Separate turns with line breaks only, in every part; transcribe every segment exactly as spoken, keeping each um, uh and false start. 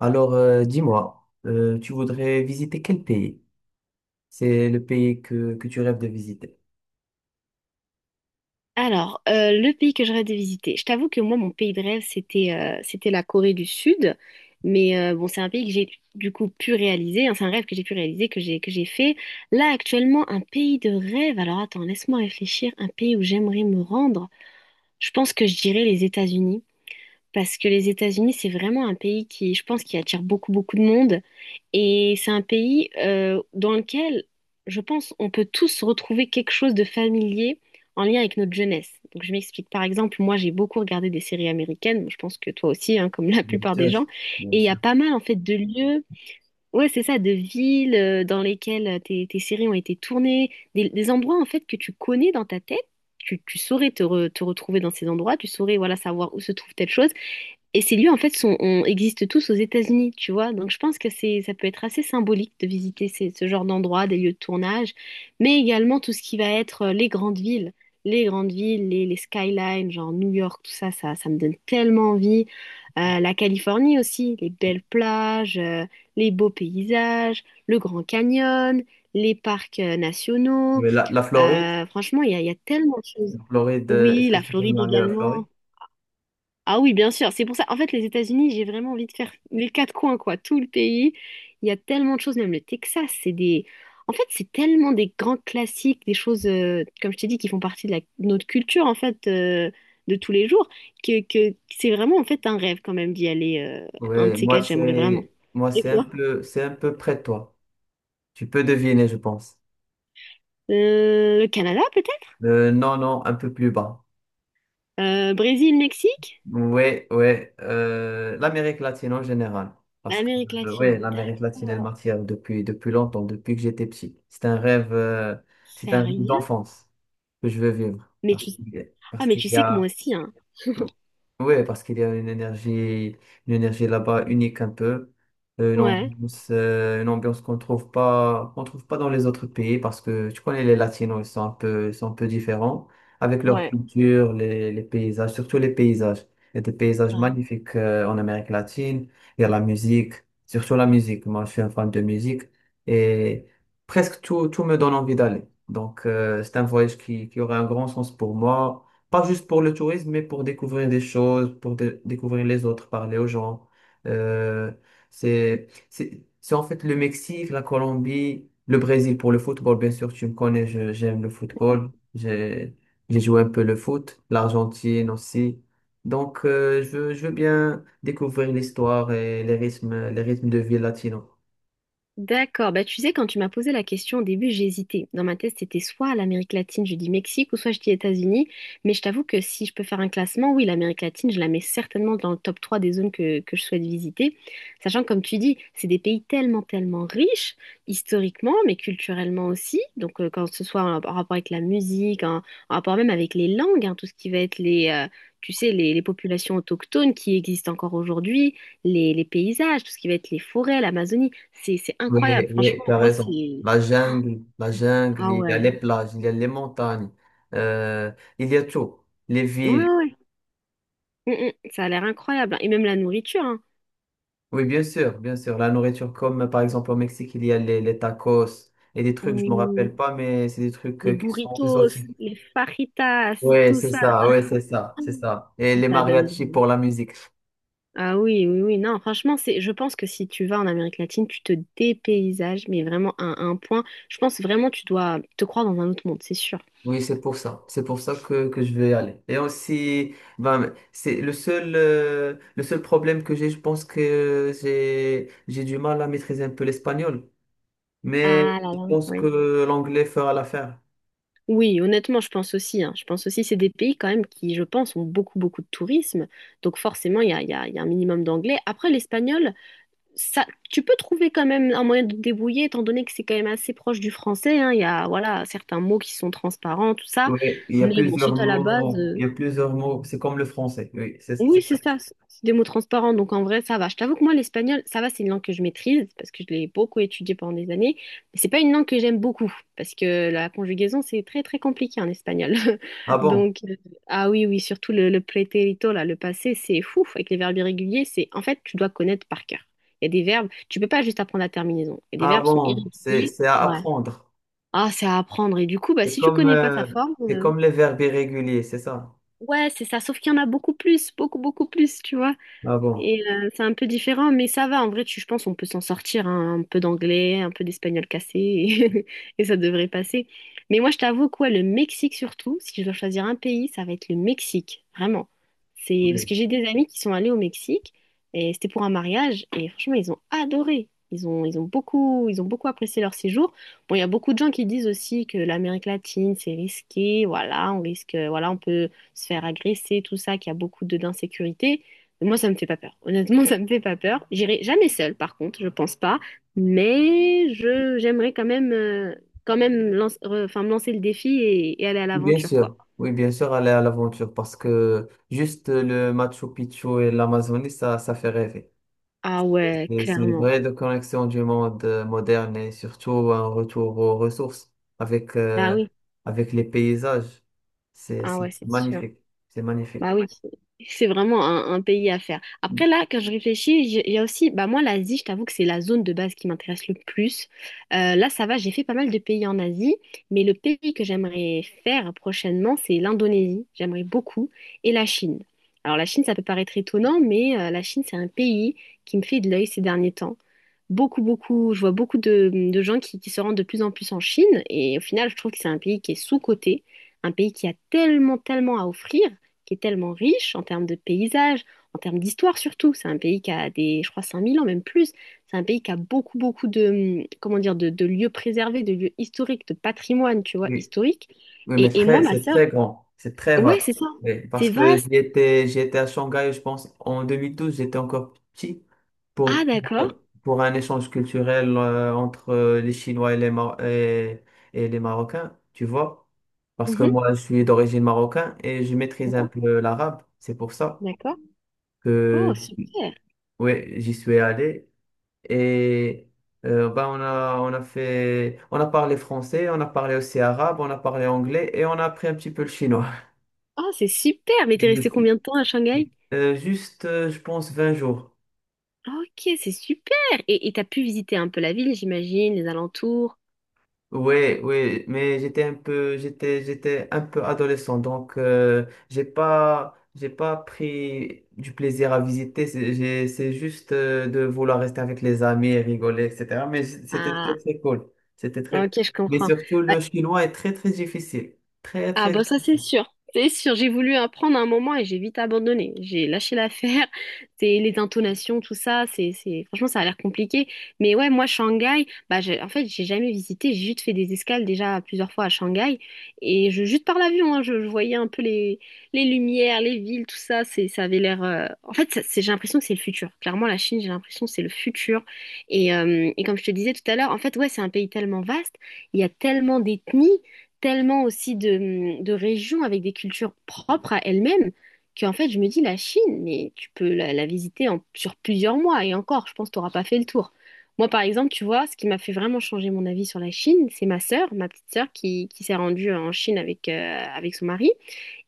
Alors, euh, dis-moi, euh, tu voudrais visiter quel pays? C'est le pays que, que tu rêves de visiter.
Alors, euh, le pays que j'aurais de visiter, je t'avoue que moi, mon pays de rêve, c'était euh, c'était la Corée du Sud. Mais euh, bon, c'est un pays que j'ai du coup pu réaliser, hein, c'est un rêve que j'ai pu réaliser, que j'ai que j'ai fait. Là, actuellement, un pays de rêve. Alors, attends, laisse-moi réfléchir. Un pays où j'aimerais me rendre. Je pense que je dirais les États-Unis. Parce que les États-Unis, c'est vraiment un pays qui, je pense, qui attire beaucoup, beaucoup de monde. Et c'est un pays euh, dans lequel, je pense, on peut tous retrouver quelque chose de familier en lien avec notre jeunesse. Donc, je m'explique. Par exemple, moi, j'ai beaucoup regardé des séries américaines. Je pense que toi aussi, hein, comme la
Bien
plupart des
sûr,
gens.
bien
Et il y a
sûr.
pas mal, en fait, de lieux. Ouais, c'est ça, de villes euh, dans lesquelles euh, tes, tes séries ont été tournées, des, des endroits en fait que tu connais dans ta tête, tu, tu saurais te, re- te retrouver dans ces endroits, tu saurais, voilà, savoir où se trouve telle chose. Et ces lieux, en fait, sont, on, existent tous aux États-Unis, tu vois. Donc, je pense que c'est, ça peut être assez symbolique de visiter ces- ce genre d'endroits, des lieux de tournage, mais également tout ce qui va être euh, les grandes villes. Les grandes villes, les, les skylines, genre New York, tout ça, ça, ça me donne tellement envie. Euh, la Californie aussi, les belles plages, euh, les beaux paysages, le Grand Canyon, les parcs euh, nationaux.
Mais la, la Floride,
Euh, franchement, il y a, il y a tellement de choses.
la Floride, euh, est-ce
Oui,
que
la
tu peux
Floride
aller à la Floride?
également. Ah oui, bien sûr, c'est pour ça. En fait, les États-Unis, j'ai vraiment envie de faire les quatre coins, quoi, tout le pays. Il y a tellement de choses, même le Texas, c'est des... En fait, c'est tellement des grands classiques, des choses, euh, comme je t'ai dit, qui font partie de, la- de notre culture, en fait, euh, de tous les jours, que, que c'est vraiment, en fait, un rêve quand même d'y aller. euh, un
Oui,
de ces
moi
quatre, j'aimerais vraiment.
c'est moi
Et
c'est un
toi?
peu c'est un peu près de toi. Tu peux deviner, je pense.
Euh, le Canada, peut-être?
Euh, non, non, un peu plus bas.
Euh, Brésil, Mexique?
Ouais, ouais, euh, l'Amérique latine en général. Parce que,
L'Amérique
euh, ouais,
latine,
l'Amérique latine, elle
d'accord.
m'attire depuis, depuis longtemps, depuis que j'étais petit. C'est un rêve, euh, c'est un rêve
Sérieux?
d'enfance que je veux vivre.
Mais
Parce
tu...
qu'il y a,
Ah,
parce
mais
qu'il
tu
y
sais que moi
a-
aussi, hein.
Ouais, parce qu'il y a une énergie, une énergie là-bas unique un peu. Euh, une
Ouais.
ambiance, euh, une ambiance qu'on trouve pas, qu'on trouve pas dans les autres pays, parce que tu connais les Latinos, ils sont un peu, ils sont un peu différents avec leur
Ouais.
culture, les, les paysages, surtout les paysages. Il y a des paysages
Ah.
magnifiques euh, en Amérique latine. Il y a la musique, surtout la musique. Moi, je suis un fan de musique et presque tout, tout me donne envie d'aller. Donc, euh, c'est un voyage qui, qui aurait un grand sens pour moi. Pas juste pour le tourisme, mais pour découvrir des choses, pour dé- découvrir les autres, parler aux gens. Euh, c'est, c'est, c'est en fait le Mexique, la Colombie, le Brésil pour le football. Bien sûr, tu me connais, je- j'aime le football. J'ai, j'ai joué un peu le foot, l'Argentine aussi. Donc, euh, je veux, je veux bien découvrir l'histoire et les rythmes, les rythmes de vie latino.
D'accord. Bah, tu sais, quand tu m'as posé la question au début, j'ai hésité. Dans ma tête, c'était soit l'Amérique latine, je dis Mexique, ou soit je dis États-Unis. Mais je t'avoue que si je peux faire un classement, oui, l'Amérique latine, je la mets certainement dans le top trois des zones que, que je souhaite visiter. Sachant que, comme tu dis, c'est des pays tellement, tellement riches, historiquement, mais culturellement aussi. Donc, euh, quand ce soit en, en rapport avec la musique, en, en rapport même avec les langues, hein, tout ce qui va être les... euh, Tu sais, les, les populations autochtones qui existent encore aujourd'hui, les, les paysages, tout ce qui va être les forêts, l'Amazonie. C'est, c'est
Oui,
incroyable.
oui,
Franchement,
tu as
moi,
raison.
c'est...
La jungle, la jungle,
Ah
il y a les
ouais.
plages, il y a les montagnes, euh, il y a tout. Les
Ouais,
villes.
ouais. Mm, mm. Ça a l'air incroyable, hein. Et même la nourriture, hein.
Oui, bien sûr, bien sûr. La nourriture, comme euh, par exemple au Mexique, il y a les, les tacos et des trucs, je me
Oui.
rappelle pas, mais c'est des trucs
Les
euh, qui sont
burritos,
exotiques.
les fajitas,
Oui,
tout
c'est
ça.
ça, oui, c'est ça, c'est ça. Et les
Ça
mariachis
donne...
pour la musique.
Ah oui, oui, oui. Non, franchement, c'est, je pense que si tu vas en Amérique latine, tu te dépaysages, mais vraiment à un point. Je pense vraiment tu dois te croire dans un autre monde, c'est sûr.
Oui, c'est pour ça. C'est pour ça que, que je vais y aller. Et aussi, ben, c'est le seul, euh, le seul problème que j'ai, je pense que j'ai, j'ai du mal à maîtriser un peu l'espagnol. Mais
Ah là
je
là,
pense
oui.
que l'anglais fera l'affaire.
Oui, honnêtement, je pense aussi, hein. Je pense aussi c'est des pays quand même qui, je pense, ont beaucoup, beaucoup de tourisme. Donc forcément, il y a, il y a- il y a un minimum d'anglais. Après, l'espagnol, ça, tu peux trouver quand même un moyen de te débrouiller, étant donné que c'est quand même assez proche du français, hein. Il y a, voilà, certains mots qui sont transparents, tout ça.
Oui, il y a
Mais bon, si
plusieurs
tu as la base,
mots. Il y
euh,
a plusieurs mots. C'est comme le français. Oui, c'est
oui,
c'est
c'est
ça.
ça, c'est c'est des mots transparents, donc en vrai, ça va. Je t'avoue que moi, l'espagnol, ça va, c'est une langue que je maîtrise, parce que je l'ai beaucoup étudiée pendant des années, mais c'est pas une langue que j'aime beaucoup, parce que la conjugaison, c'est très, très compliqué en espagnol.
Ah bon?
Donc, euh, ah oui, oui, surtout le, le pretérito, là, le passé, c'est fou, avec les verbes irréguliers, c'est, en fait, tu dois connaître par cœur. Il y a des verbes, tu peux pas juste apprendre la terminaison, et des
Ah
verbes sont
bon, c'est
irréguliers,
c'est à
ouais.
apprendre.
Ah, c'est à apprendre, et du coup, bah,
C'est
si tu
comme,
connais pas sa
euh,
forme,
c'est
euh,
comme les verbes irréguliers, c'est ça?
ouais, c'est ça, sauf qu'il y en a beaucoup plus, beaucoup, beaucoup plus, tu vois.
Ah bon?
Et euh, c'est un peu différent, mais ça va. En vrai, tu, je pense on peut s'en sortir, hein, un peu d'anglais, un peu d'espagnol cassé, et et ça devrait passer. Mais moi, je t'avoue, quoi, le Mexique surtout, si je dois choisir un pays, ça va être le Mexique, vraiment. C'est parce
Oui.
que j'ai des amis qui sont allés au Mexique, et c'était pour un mariage, et franchement, ils ont adoré. Ils ont, ils ont beaucoup, ils ont beaucoup apprécié leur séjour. Bon, il y a beaucoup de gens qui disent aussi que l'Amérique latine, c'est risqué, voilà, on risque, voilà, on peut se faire agresser, tout ça, qu'il y a beaucoup de d'insécurité. Moi, ça me fait pas peur. Honnêtement, ça me fait pas peur. J'irai jamais seule, par contre, je pense pas. Mais je j'aimerais quand même euh, quand même lance- re- enfin, me lancer le défi et, et aller à
Oui, bien
l'aventure, quoi.
sûr, oui, bien sûr, aller à l'aventure parce que juste le Machu Picchu et l'Amazonie, ça, ça fait rêver.
Ah
Et
ouais,
c'est une
clairement.
vraie déconnexion du monde euh, moderne et surtout un retour aux ressources avec,
Ah
euh,
oui.
avec les paysages. C'est,
Ah
c'est
ouais, c'est sûr.
magnifique, c'est magnifique.
Bah oui, c'est c'est vraiment un, un pays à faire. Après, là, quand je réfléchis, j'ai- il y a aussi, bah moi, l'Asie, je t'avoue que c'est la zone de base qui m'intéresse le plus. Euh, là, ça va, j'ai fait pas mal de pays en Asie, mais le pays que j'aimerais faire prochainement, c'est l'Indonésie. J'aimerais beaucoup. Et la Chine. Alors, la Chine, ça peut paraître étonnant, mais euh, la Chine, c'est un pays qui me fait de l'œil ces derniers temps. Beaucoup, beaucoup, je vois beaucoup de, de gens qui, qui se rendent de plus en plus en Chine, et au final, je trouve que c'est un pays qui est sous-coté, un pays qui a tellement, tellement à offrir, qui est tellement riche en termes de paysages, en termes d'histoire surtout. C'est un pays qui a des, je crois, cinq mille ans, même plus. C'est un pays qui a beaucoup, beaucoup de, hum, comment dire, de, de lieux préservés, de lieux historiques, de patrimoine, tu vois,
Oui.
historique.
Oui, mais
Et, et moi,
très,
ma
c'est
sœur,
très grand, c'est très
ouais,
vaste.
c'est ça.
Oui, parce
C'est
que
vaste.
j'y étais, j'y étais à Shanghai, je pense, en deux mille douze. J'étais encore petit pour,
Ah,
pour
d'accord.
un, pour un échange culturel euh, entre euh, les Chinois et les, Mar- et, et les Marocains, tu vois. Parce que
Mhm.
moi, je suis d'origine marocaine et je maîtrise un
D'accord.
peu l'arabe. C'est pour ça
D'accord.
que
Oh, super.
oui, j'y suis allé. Et euh, ben, on a, on a fait, on a parlé français, on a parlé aussi arabe, on a parlé anglais et on a appris un petit peu le chinois.
Oh, c'est super. Mais t'es restée combien
Merci.
de temps à Shanghai?
Euh, juste, euh, je pense, vingt jours.
Ok, c'est super. Et et t'as pu visiter un peu la ville, j'imagine, les alentours.
Ouais, ouais, mais j'étais un peu, j'étais, j'étais un peu adolescent, donc euh, j'ai pas, j'ai pas pris du plaisir à visiter. C'est j'ai- c'est juste euh, de vouloir rester avec les amis et rigoler, et cetera. Mais j- c'était très,
Ah,
très cool. C'était très.
ok, je
Mais
comprends.
surtout,
Bah.
le chinois est très, très difficile. Très,
Ah
très
bah ça c'est
difficile.
sûr. C'est sûr, j'ai voulu apprendre à un moment et j'ai vite abandonné. J'ai lâché l'affaire. C'est les intonations, tout ça, c'est c'est franchement, ça a l'air compliqué. Mais ouais, moi Shanghai, bah j'ai- en fait, j'ai jamais visité, j'ai juste fait des escales déjà plusieurs fois à Shanghai et je juste par l'avion, hein, je, je voyais un peu les les lumières, les villes, tout ça, c'est ça avait l'air euh, en fait, ça- c'est j'ai l'impression que c'est le futur. Clairement la Chine, j'ai l'impression que c'est le futur et euh, et comme je te disais tout à l'heure, en fait, ouais, c'est un pays tellement vaste, il y a tellement d'ethnies, tellement aussi de, de régions avec des cultures propres à elles-mêmes, qu'en fait, je me dis, la Chine, mais tu peux la, la visiter en, sur plusieurs mois et encore, je pense que tu n'auras pas fait le tour. Moi, par exemple, tu vois, ce qui m'a fait vraiment changer mon avis sur la Chine, c'est ma sœur, ma petite sœur, qui, qui s'est rendue en Chine avec, euh, avec son mari.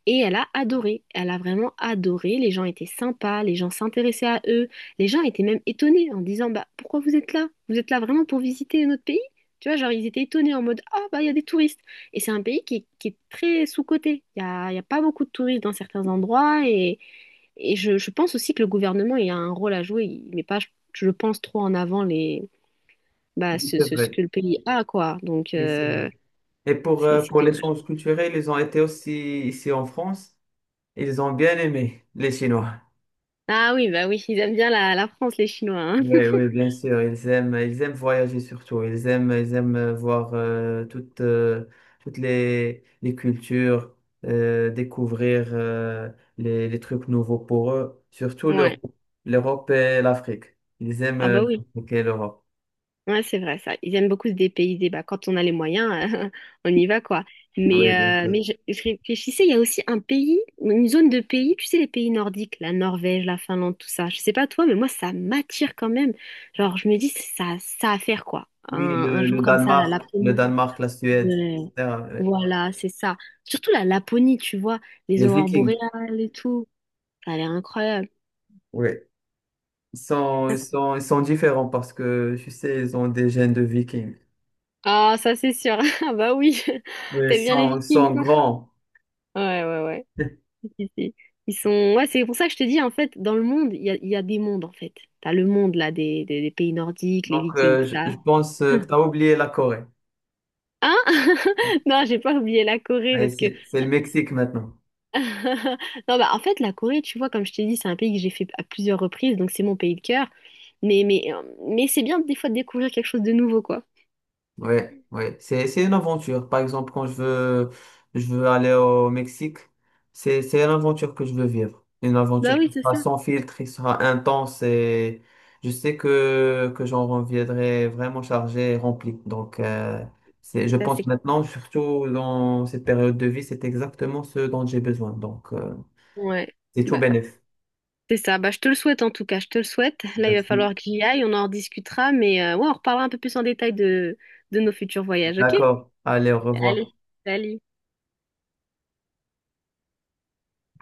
Et elle a adoré, elle a vraiment adoré, les gens étaient sympas, les gens s'intéressaient à eux, les gens étaient même étonnés en disant, bah pourquoi vous êtes là? Vous êtes là vraiment pour visiter notre pays? Tu vois, genre, ils étaient étonnés en mode, ah bah il y a des touristes. Et c'est un pays qui est, qui est très sous-coté, il y a, il y a pas beaucoup de touristes dans certains endroits, et, et je, je pense aussi que le gouvernement il a un rôle à jouer, il met pas, je, je pense, trop en avant les bah
Oui,
ce,
c'est
ce, ce
vrai.
que le pays a, quoi. Donc
Oui, c'est vrai.
euh,
Et pour,
c'est
euh,
c'est
pour
dommage.
l'échange culturel, ils ont été aussi ici en France. Ils ont bien aimé les Chinois.
Ah oui bah oui, ils aiment bien la, la France, les Chinois, hein.
Oui, oui, bien sûr. Ils aiment, ils aiment voyager surtout. Ils aiment, ils aiment euh, voir euh, toutes, euh, toutes les, les cultures, euh, découvrir euh, les, les trucs nouveaux pour eux, surtout
Ouais.
l'Europe, l'Europe et l'Afrique. Ils aiment
Ah
euh,
bah oui,
l'Afrique et l'Europe.
ouais, c'est vrai ça. Ils aiment beaucoup se dépayser. Bah, quand on a les moyens, euh, on y va, quoi. Mais,
Oui, bien
euh,
sûr.
mais je, je réfléchissais, il y a aussi un pays, une zone de pays, tu sais, les pays nordiques, la Norvège, la Finlande, tout ça. Je sais pas toi, mais moi, ça m'attire quand même. Genre, je me dis, ça, ça à faire, quoi. Un,
Oui,
un
le, le
jour comme ça, la
Danemark, le
Laponie.
Danemark, la Suède,
Ouais.
et cetera Oui.
Voilà, c'est ça. Surtout la Laponie, tu vois, les
Les
aurores
Vikings,
boréales et tout. Ça a l'air incroyable.
oui. Ils sont, ils sont, ils sont différents parce que, tu sais, ils ont des gènes de Vikings.
Ah, ça c'est sûr. Ah bah oui,
Oui, ils
t'aimes bien les
sont, ils
Vikings,
sont
quoi.
grands.
Ouais, ouais, ouais. Ils ils sont... Ouais, c'est pour ça que je te dis, en fait, dans le monde, il y a, il y a des mondes, en fait. T'as le monde, là, des, des- des pays nordiques, les
Donc,
Vikings,
euh,
tout
je,
ça.
je pense euh, que tu as oublié la Corée.
Hein? Non, j'ai pas oublié la Corée,
Ouais,
parce que...
c'est c'est le Mexique maintenant.
Non, bah, en fait, la Corée, tu vois, comme je t'ai dit, c'est un pays que j'ai fait à plusieurs reprises, donc c'est mon pays de cœur. Mais, mais, euh, mais c'est bien, des fois, de découvrir quelque chose de nouveau, quoi.
Oui, oui. C'est, c'est une aventure. Par exemple, quand je veux, je veux aller au Mexique, c'est, c'est une aventure que je veux vivre. Une
Bah
aventure qui
oui, c'est
sera
ça.
sans filtre, qui sera intense et je sais que, que j'en reviendrai vraiment chargé et rempli. Donc, euh, c'est, je
C'est ça,
pense
c'est...
maintenant, surtout dans cette période de vie, c'est exactement ce dont j'ai besoin. Donc, euh,
Ouais.
c'est tout
Bah,
bénéf.
c'est ça. Bah, je te le souhaite, en tout cas. Je te le souhaite. Là, il va
Merci.
falloir que j'y aille, on en rediscutera, mais euh, ouais, on reparlera un peu plus en détail de, de nos futurs voyages, ok?
D'accord. Allez, au revoir.
Allez, salut.